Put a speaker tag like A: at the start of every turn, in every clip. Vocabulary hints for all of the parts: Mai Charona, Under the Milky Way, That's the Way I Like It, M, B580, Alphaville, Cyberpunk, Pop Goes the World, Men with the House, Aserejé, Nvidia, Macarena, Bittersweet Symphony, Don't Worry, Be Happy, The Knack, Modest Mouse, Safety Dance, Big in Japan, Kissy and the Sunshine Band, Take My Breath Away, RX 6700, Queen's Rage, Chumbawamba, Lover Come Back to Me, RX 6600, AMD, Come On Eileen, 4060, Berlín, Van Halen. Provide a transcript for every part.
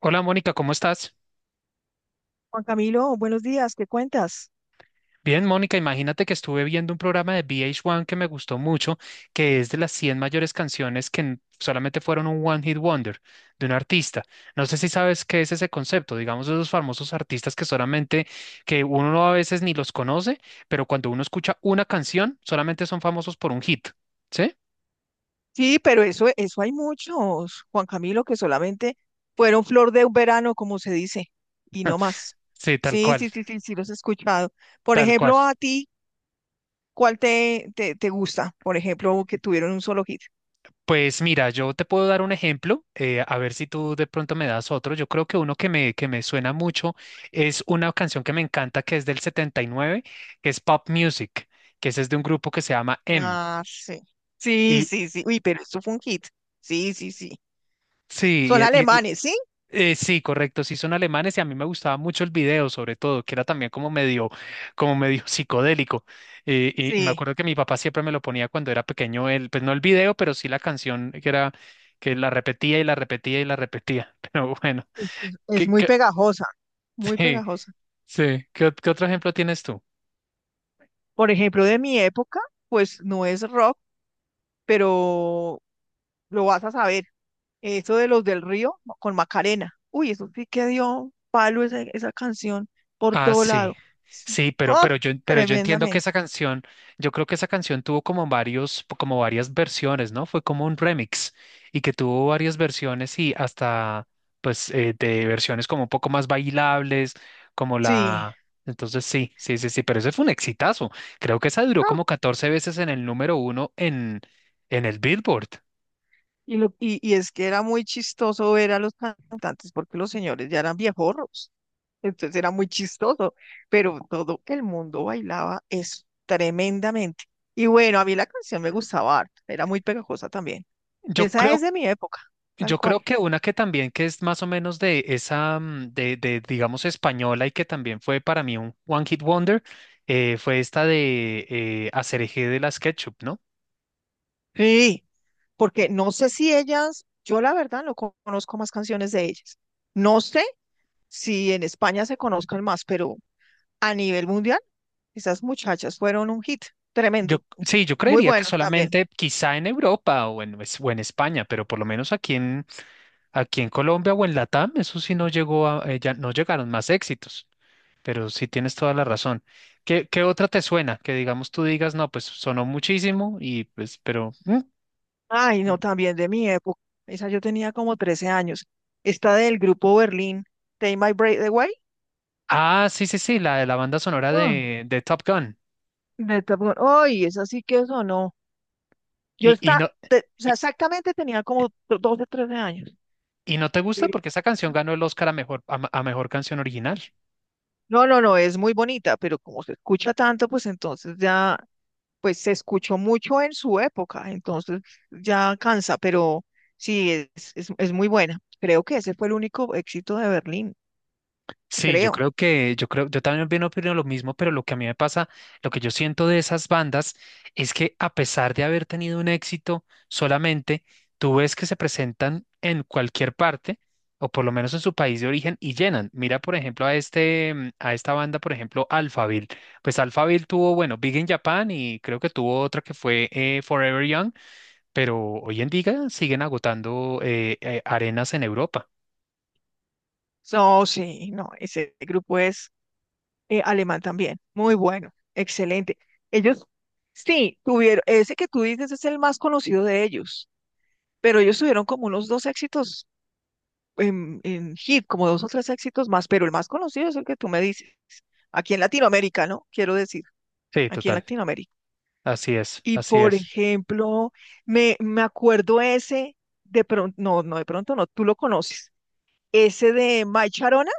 A: Hola Mónica, ¿cómo estás?
B: Juan Camilo, buenos días, ¿qué cuentas?
A: Bien, Mónica, imagínate que estuve viendo un programa de VH1 que me gustó mucho, que es de las 100 mayores canciones que solamente fueron un One Hit Wonder de un artista. No sé si sabes qué es ese concepto, digamos, esos famosos artistas que solamente, que uno no a veces ni los conoce, pero cuando uno escucha una canción, solamente son famosos por un hit, ¿sí?
B: Sí, pero eso hay muchos, Juan Camilo, que solamente fueron flor de un verano, como se dice, y no más.
A: Sí, tal
B: Sí,
A: cual,
B: sí, sí, sí, sí, los he escuchado. Por
A: tal cual.
B: ejemplo, a ti, ¿cuál te gusta? Por ejemplo, que tuvieron un solo hit.
A: Pues mira, yo te puedo dar un ejemplo, a ver si tú de pronto me das otro. Yo creo que uno que me suena mucho es una canción que me encanta, que es del 79, que es Pop Music, que ese es de un grupo que se llama M.
B: Ah, sí. Sí,
A: Y
B: sí, sí. Uy, pero eso fue un hit. Sí, sí, sí.
A: sí,
B: Son alemanes, ¿sí?
A: sí, correcto, sí son alemanes y a mí me gustaba mucho el video, sobre todo, que era también como medio psicodélico. Y me
B: Sí.
A: acuerdo que mi papá siempre me lo ponía cuando era pequeño, el, pues no el video, pero sí la canción que era, que la repetía y la repetía y la repetía. Pero bueno.
B: Es
A: ¿Qué,
B: muy
A: qué-
B: pegajosa, muy
A: sí,
B: pegajosa.
A: sí. ¿Qué, qué otro ejemplo tienes tú?
B: Por ejemplo, de mi época, pues no es rock, pero lo vas a saber. Eso de los del río no, con Macarena. Uy, eso sí que dio palo esa canción por
A: Ah,
B: todo
A: sí.
B: lado. Sí.
A: Sí,
B: ¡Ah!
A: pero yo entiendo que
B: Tremendamente.
A: esa canción, yo creo que esa canción tuvo como varias versiones, ¿no? Fue como un remix y que tuvo varias versiones y hasta, pues, de versiones como un poco más bailables, como
B: Sí.
A: la... Entonces sí, sí, sí, sí, pero ese fue un exitazo. Creo que esa duró
B: No.
A: como 14 veces en el número uno en el Billboard.
B: Y es que era muy chistoso ver a los cantantes porque los señores ya eran viejorros. Entonces era muy chistoso, pero todo el mundo bailaba eso tremendamente. Y bueno, a mí la canción me gustaba harto, era muy pegajosa también.
A: Yo
B: Esa es
A: creo
B: de mi época, tal
A: Yo creo
B: cual.
A: que una que también que es más o menos de esa, digamos, española y que también fue para mí un One Hit Wonder, fue esta de Aserejé de la SketchUp, ¿no?
B: Sí. Porque no sé si ellas, yo la verdad no conozco más canciones de ellas. No sé si en España se conozcan más, pero a nivel mundial, esas muchachas fueron un hit
A: Yo,
B: tremendo,
A: sí, yo
B: muy
A: creería que
B: bueno también.
A: solamente quizá en Europa o en España, pero por lo menos aquí en, aquí en Colombia o en Latam, eso sí no llegó a, ya no llegaron más éxitos, pero sí tienes toda la razón. ¿Qué, qué otra te suena? Que digamos tú digas, no, pues sonó muchísimo y pues, pero... mm,
B: Ay, no, también de mi época. Esa yo tenía como 13 años. Esta del grupo Berlín, Take My Breath Away.
A: Ah, sí, sí, sí, la de la banda sonora
B: Ah,
A: de Top Gun.
B: de Top Gun. Ay, esa sí que sonó.
A: Y, y no,
B: O sea,
A: y,
B: exactamente tenía como 12, 13 años.
A: y no te gusta
B: Pero
A: porque esa canción ganó el Oscar a mejor, a mejor canción original.
B: No, no, no, es muy bonita, pero como se escucha tanto, pues entonces ya, pues se escuchó mucho en su época, entonces ya cansa, pero sí, es muy buena. Creo que ese fue el único éxito de Berlín,
A: Sí,
B: creo.
A: yo creo, yo también bien opino lo mismo, pero lo que a mí me pasa, lo que yo siento de esas bandas es que a pesar de haber tenido un éxito solamente, tú ves que se presentan en cualquier parte, o por lo menos en su país de origen, y llenan. Mira, por ejemplo, a esta banda, por ejemplo, Alphaville. Pues Alphaville tuvo, bueno, Big in Japan y creo que tuvo otra que fue Forever Young, pero hoy en día siguen agotando arenas en Europa.
B: No, sí, no, ese grupo es alemán también, muy bueno, excelente. Ellos, sí, tuvieron, ese que tú dices es el más conocido de ellos, pero ellos tuvieron como unos dos éxitos en hit, como dos o tres éxitos más, pero el más conocido es el que tú me dices, aquí en Latinoamérica, ¿no? Quiero decir,
A: Sí,
B: aquí en
A: total.
B: Latinoamérica.
A: Así es,
B: Y
A: así
B: por
A: es.
B: ejemplo, me acuerdo ese, de pronto, no, no, de pronto no, tú lo conoces, ese de Mai Charona,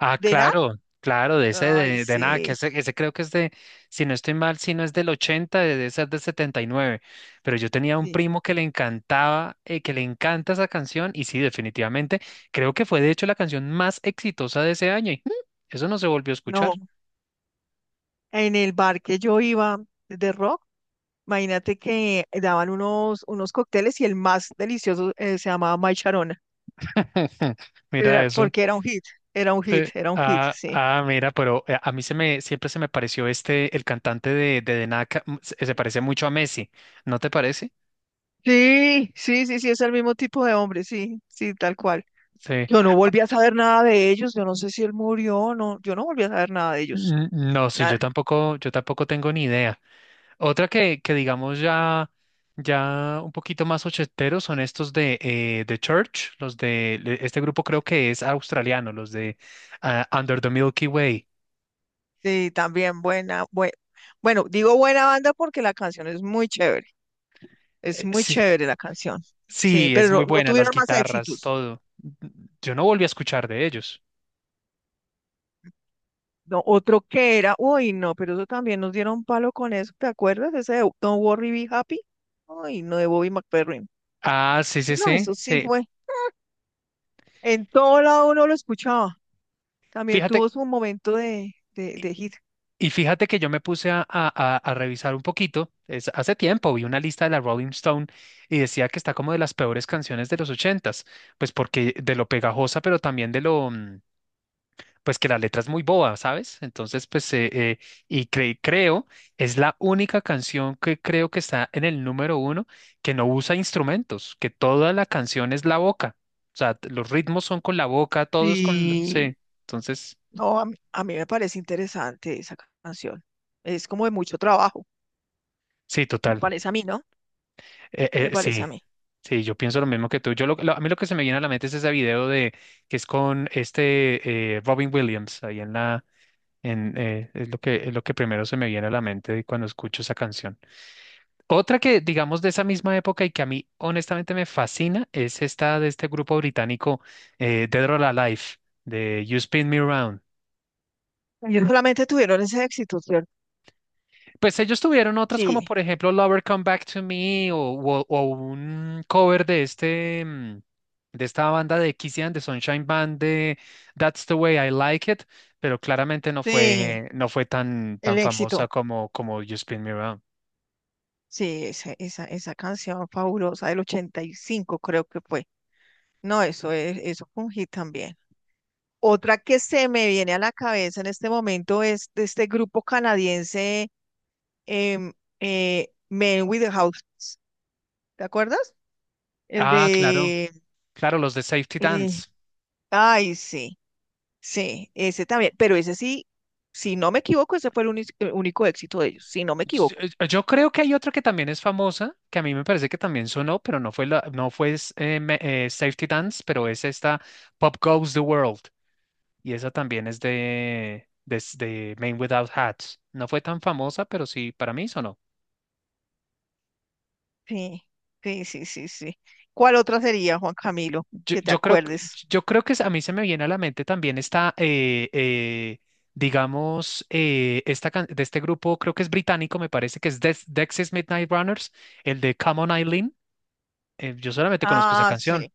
A: Ah,
B: de Nat.
A: claro, claro, de ese
B: Ay,
A: de nada,
B: sí,
A: ese creo que es de, si no estoy mal, si no es del 80, debe ser del 79. Pero yo tenía un
B: sí,
A: primo que
B: sí.
A: le encantaba, que le encanta esa canción y sí, definitivamente, creo que fue de hecho la canción más exitosa de ese año y mm, eso no se volvió a escuchar.
B: No, en el bar que yo iba de rock, imagínate que daban unos cócteles y el más delicioso se llamaba Mai Charona,
A: Mira
B: era,
A: eso.
B: porque era un hit, era un hit,
A: Sí.
B: era un hit,
A: Ah,
B: sí.
A: ah, mira, pero a mí se me, siempre se me pareció este, el cantante de, The Knack, mm, se parece mucho a Messi, ¿no te parece?
B: Sí, sí, sí, sí, es el mismo tipo de hombre, sí, sí, tal cual.
A: Sí.
B: Yo no volví a saber nada de ellos, yo no sé si él murió, no, yo no volví a saber nada de ellos,
A: Mm, no, sí,
B: nada.
A: yo tampoco tengo ni idea. Otra que digamos ya, ya un poquito más ochenteros son estos de The Church, los de este grupo creo que es australiano, los de ah, Under the Milky Way.
B: Sí, también buena, bueno, digo buena banda porque la canción es muy
A: Sí,
B: chévere la canción, sí,
A: sí,
B: pero
A: es muy
B: no
A: buena, las
B: tuvieron más
A: guitarras,
B: éxitos.
A: todo. Yo no volví a escuchar de ellos.
B: No, otro que era, uy, no, pero eso también nos dieron palo con eso, ¿te acuerdas? Ese de Don't Worry, Be Happy, uy, no, de Bobby McFerrin.
A: Ah, sí, sí,
B: No,
A: sí,
B: eso sí
A: sí.
B: fue, en todo lado uno lo escuchaba. También
A: Fíjate.
B: tuvo su momento de hit.
A: Y fíjate que yo me puse a, a revisar un poquito, hace tiempo vi una lista de la Rolling Stone y decía que está como de las peores canciones de los ochentas, pues porque de lo pegajosa, pero también de lo, mm, pues que la letra es muy boba, ¿sabes? Entonces, pues, creo, es la única canción que creo que está en el número uno que no usa instrumentos, que toda la canción es la boca, o sea, los ritmos son con la boca, todos con,
B: Y
A: sí, entonces,
B: no, a mí me parece interesante esa canción. Es como de mucho trabajo.
A: sí,
B: Me
A: total.
B: parece a mí, ¿no? Me parece
A: Sí,
B: a mí.
A: sí, yo pienso lo mismo que tú. Yo a mí lo que se me viene a la mente es ese video de que es con este Robin Williams ahí en la en es lo que primero se me viene a la mente cuando escucho esa canción. Otra que digamos de esa misma época y que a mí honestamente me fascina es esta de este grupo británico Dead or Alive de You Spin Me Round.
B: Ellos solamente tuvieron ese éxito, ¿cierto?
A: Pues ellos tuvieron otras como
B: Sí,
A: por ejemplo Lover Come Back to Me o un cover de este mm, de esta banda de Kissy and the Sunshine Band de That's the Way I Like It, pero claramente
B: sí,
A: no fue tan
B: el
A: tan famosa
B: éxito.
A: como como You Spin Me Round.
B: Sí, esa, esa canción fabulosa del 85 creo que fue. No, eso fue un hit también. Otra que se me viene a la cabeza en este momento es de este grupo canadiense em, Men with the House. ¿Te acuerdas? El
A: Ah, claro,
B: de...
A: claro, los de Safety
B: eh,
A: Dance.
B: ay, sí, sí, ese también. Pero ese sí, si no me equivoco, ese fue el único, único éxito de ellos, si no me equivoco.
A: Yo, creo que hay otra que también es famosa, que a mí me parece que también sonó, pero no fue la- no fue es- me- Safety Dance, pero es esta Pop Goes the World. Y esa también es de, de Men Without Hats. No fue tan famosa, pero sí, para mí sonó.
B: Sí, sí, sí, sí, sí. ¿Cuál otra sería, Juan Camilo?
A: Yo,
B: Que te
A: yo creo, que-
B: acuerdes.
A: yo creo que a mí se me viene a la mente también esta, digamos, esta, de este grupo, creo que es británico, me parece que es Dexys Midnight Runners, el de Come On Eileen. Yo solamente conozco esa
B: Ah,
A: canción.
B: sí,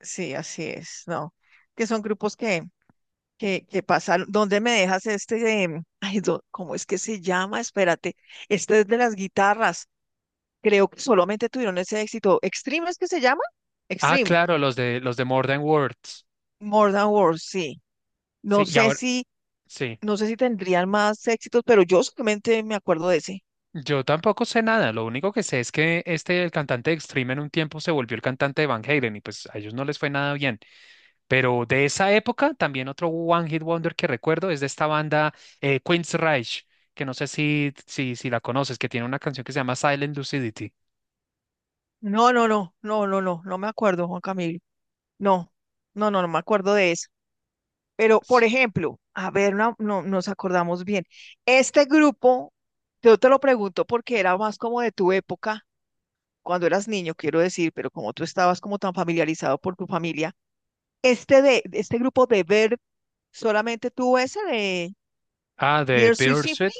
B: sí, así es, no. Que son grupos que, que pasaron. ¿Dónde me dejas este de, ay, cómo es que se llama? Espérate, este es de las guitarras. Creo que solamente tuvieron ese éxito. ¿Extreme es que se llama?
A: Ah,
B: Extreme.
A: claro, los de More Than Words.
B: More Than Words, sí.
A: Sí,
B: No
A: y
B: sé
A: ahora,
B: si,
A: sí,
B: no sé si tendrían más éxitos, pero yo solamente me acuerdo de ese.
A: yo tampoco sé nada, lo único que sé es que este, el cantante de Extreme en un tiempo se volvió el cantante de Van Halen y pues a ellos no les fue nada bien, pero de esa época también otro One Hit Wonder que recuerdo es de esta banda Queen's Rage, que no sé si la conoces, que tiene una canción que se llama Silent Lucidity.
B: No, no, no, no, no, no, no me acuerdo, Juan Camilo. No, no, no, no me acuerdo de eso. Pero, por ejemplo, a ver, no, no nos acordamos bien. Este grupo, yo te lo pregunto porque era más como de tu época, cuando eras niño, quiero decir, pero como tú estabas como tan familiarizado por tu familia, este grupo de ver solamente tuvo ese de
A: Ah, de
B: Beer Sweet Symphony,
A: Bittersweet.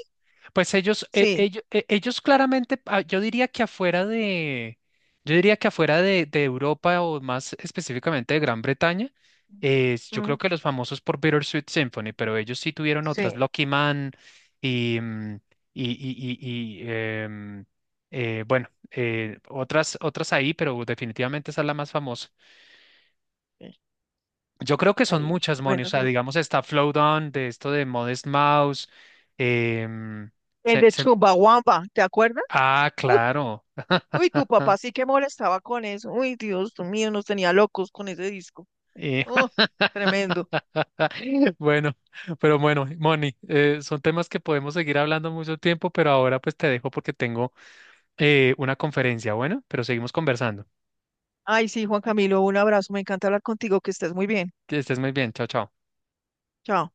A: Pues
B: sí.
A: ellos claramente, ah, yo diría que afuera de, yo diría que afuera de Europa o más específicamente de Gran Bretaña, yo creo
B: Mm,
A: que los famosos por Bittersweet Symphony, pero ellos sí tuvieron otras,
B: sí.
A: Lucky Man y, mm, y, y, y- y, em, bueno, otras, otras ahí, pero definitivamente esa es la más famosa.
B: eh,
A: Yo creo que son
B: Hay
A: muchas, Moni. O
B: buenos
A: sea,
B: grupos.
A: digamos, está Flowdown, de esto de Modest Mouse. em,
B: El
A: se-
B: de
A: se-
B: Chumbawamba, ¿te acuerdas?
A: ah,
B: Uy,
A: claro.
B: uy, tu papá sí que molestaba con eso. Uy, Dios mío, nos tenía locos con ese disco.
A: Eh,
B: Oh, tremendo.
A: bueno, pero bueno, Moni, son temas que podemos seguir hablando mucho tiempo, pero ahora pues te dejo porque tengo una conferencia. Bueno, pero seguimos conversando.
B: Ay, sí, Juan Camilo, un abrazo. Me encanta hablar contigo, que estés muy bien.
A: Que estés muy bien. Chao, chao.
B: Chao.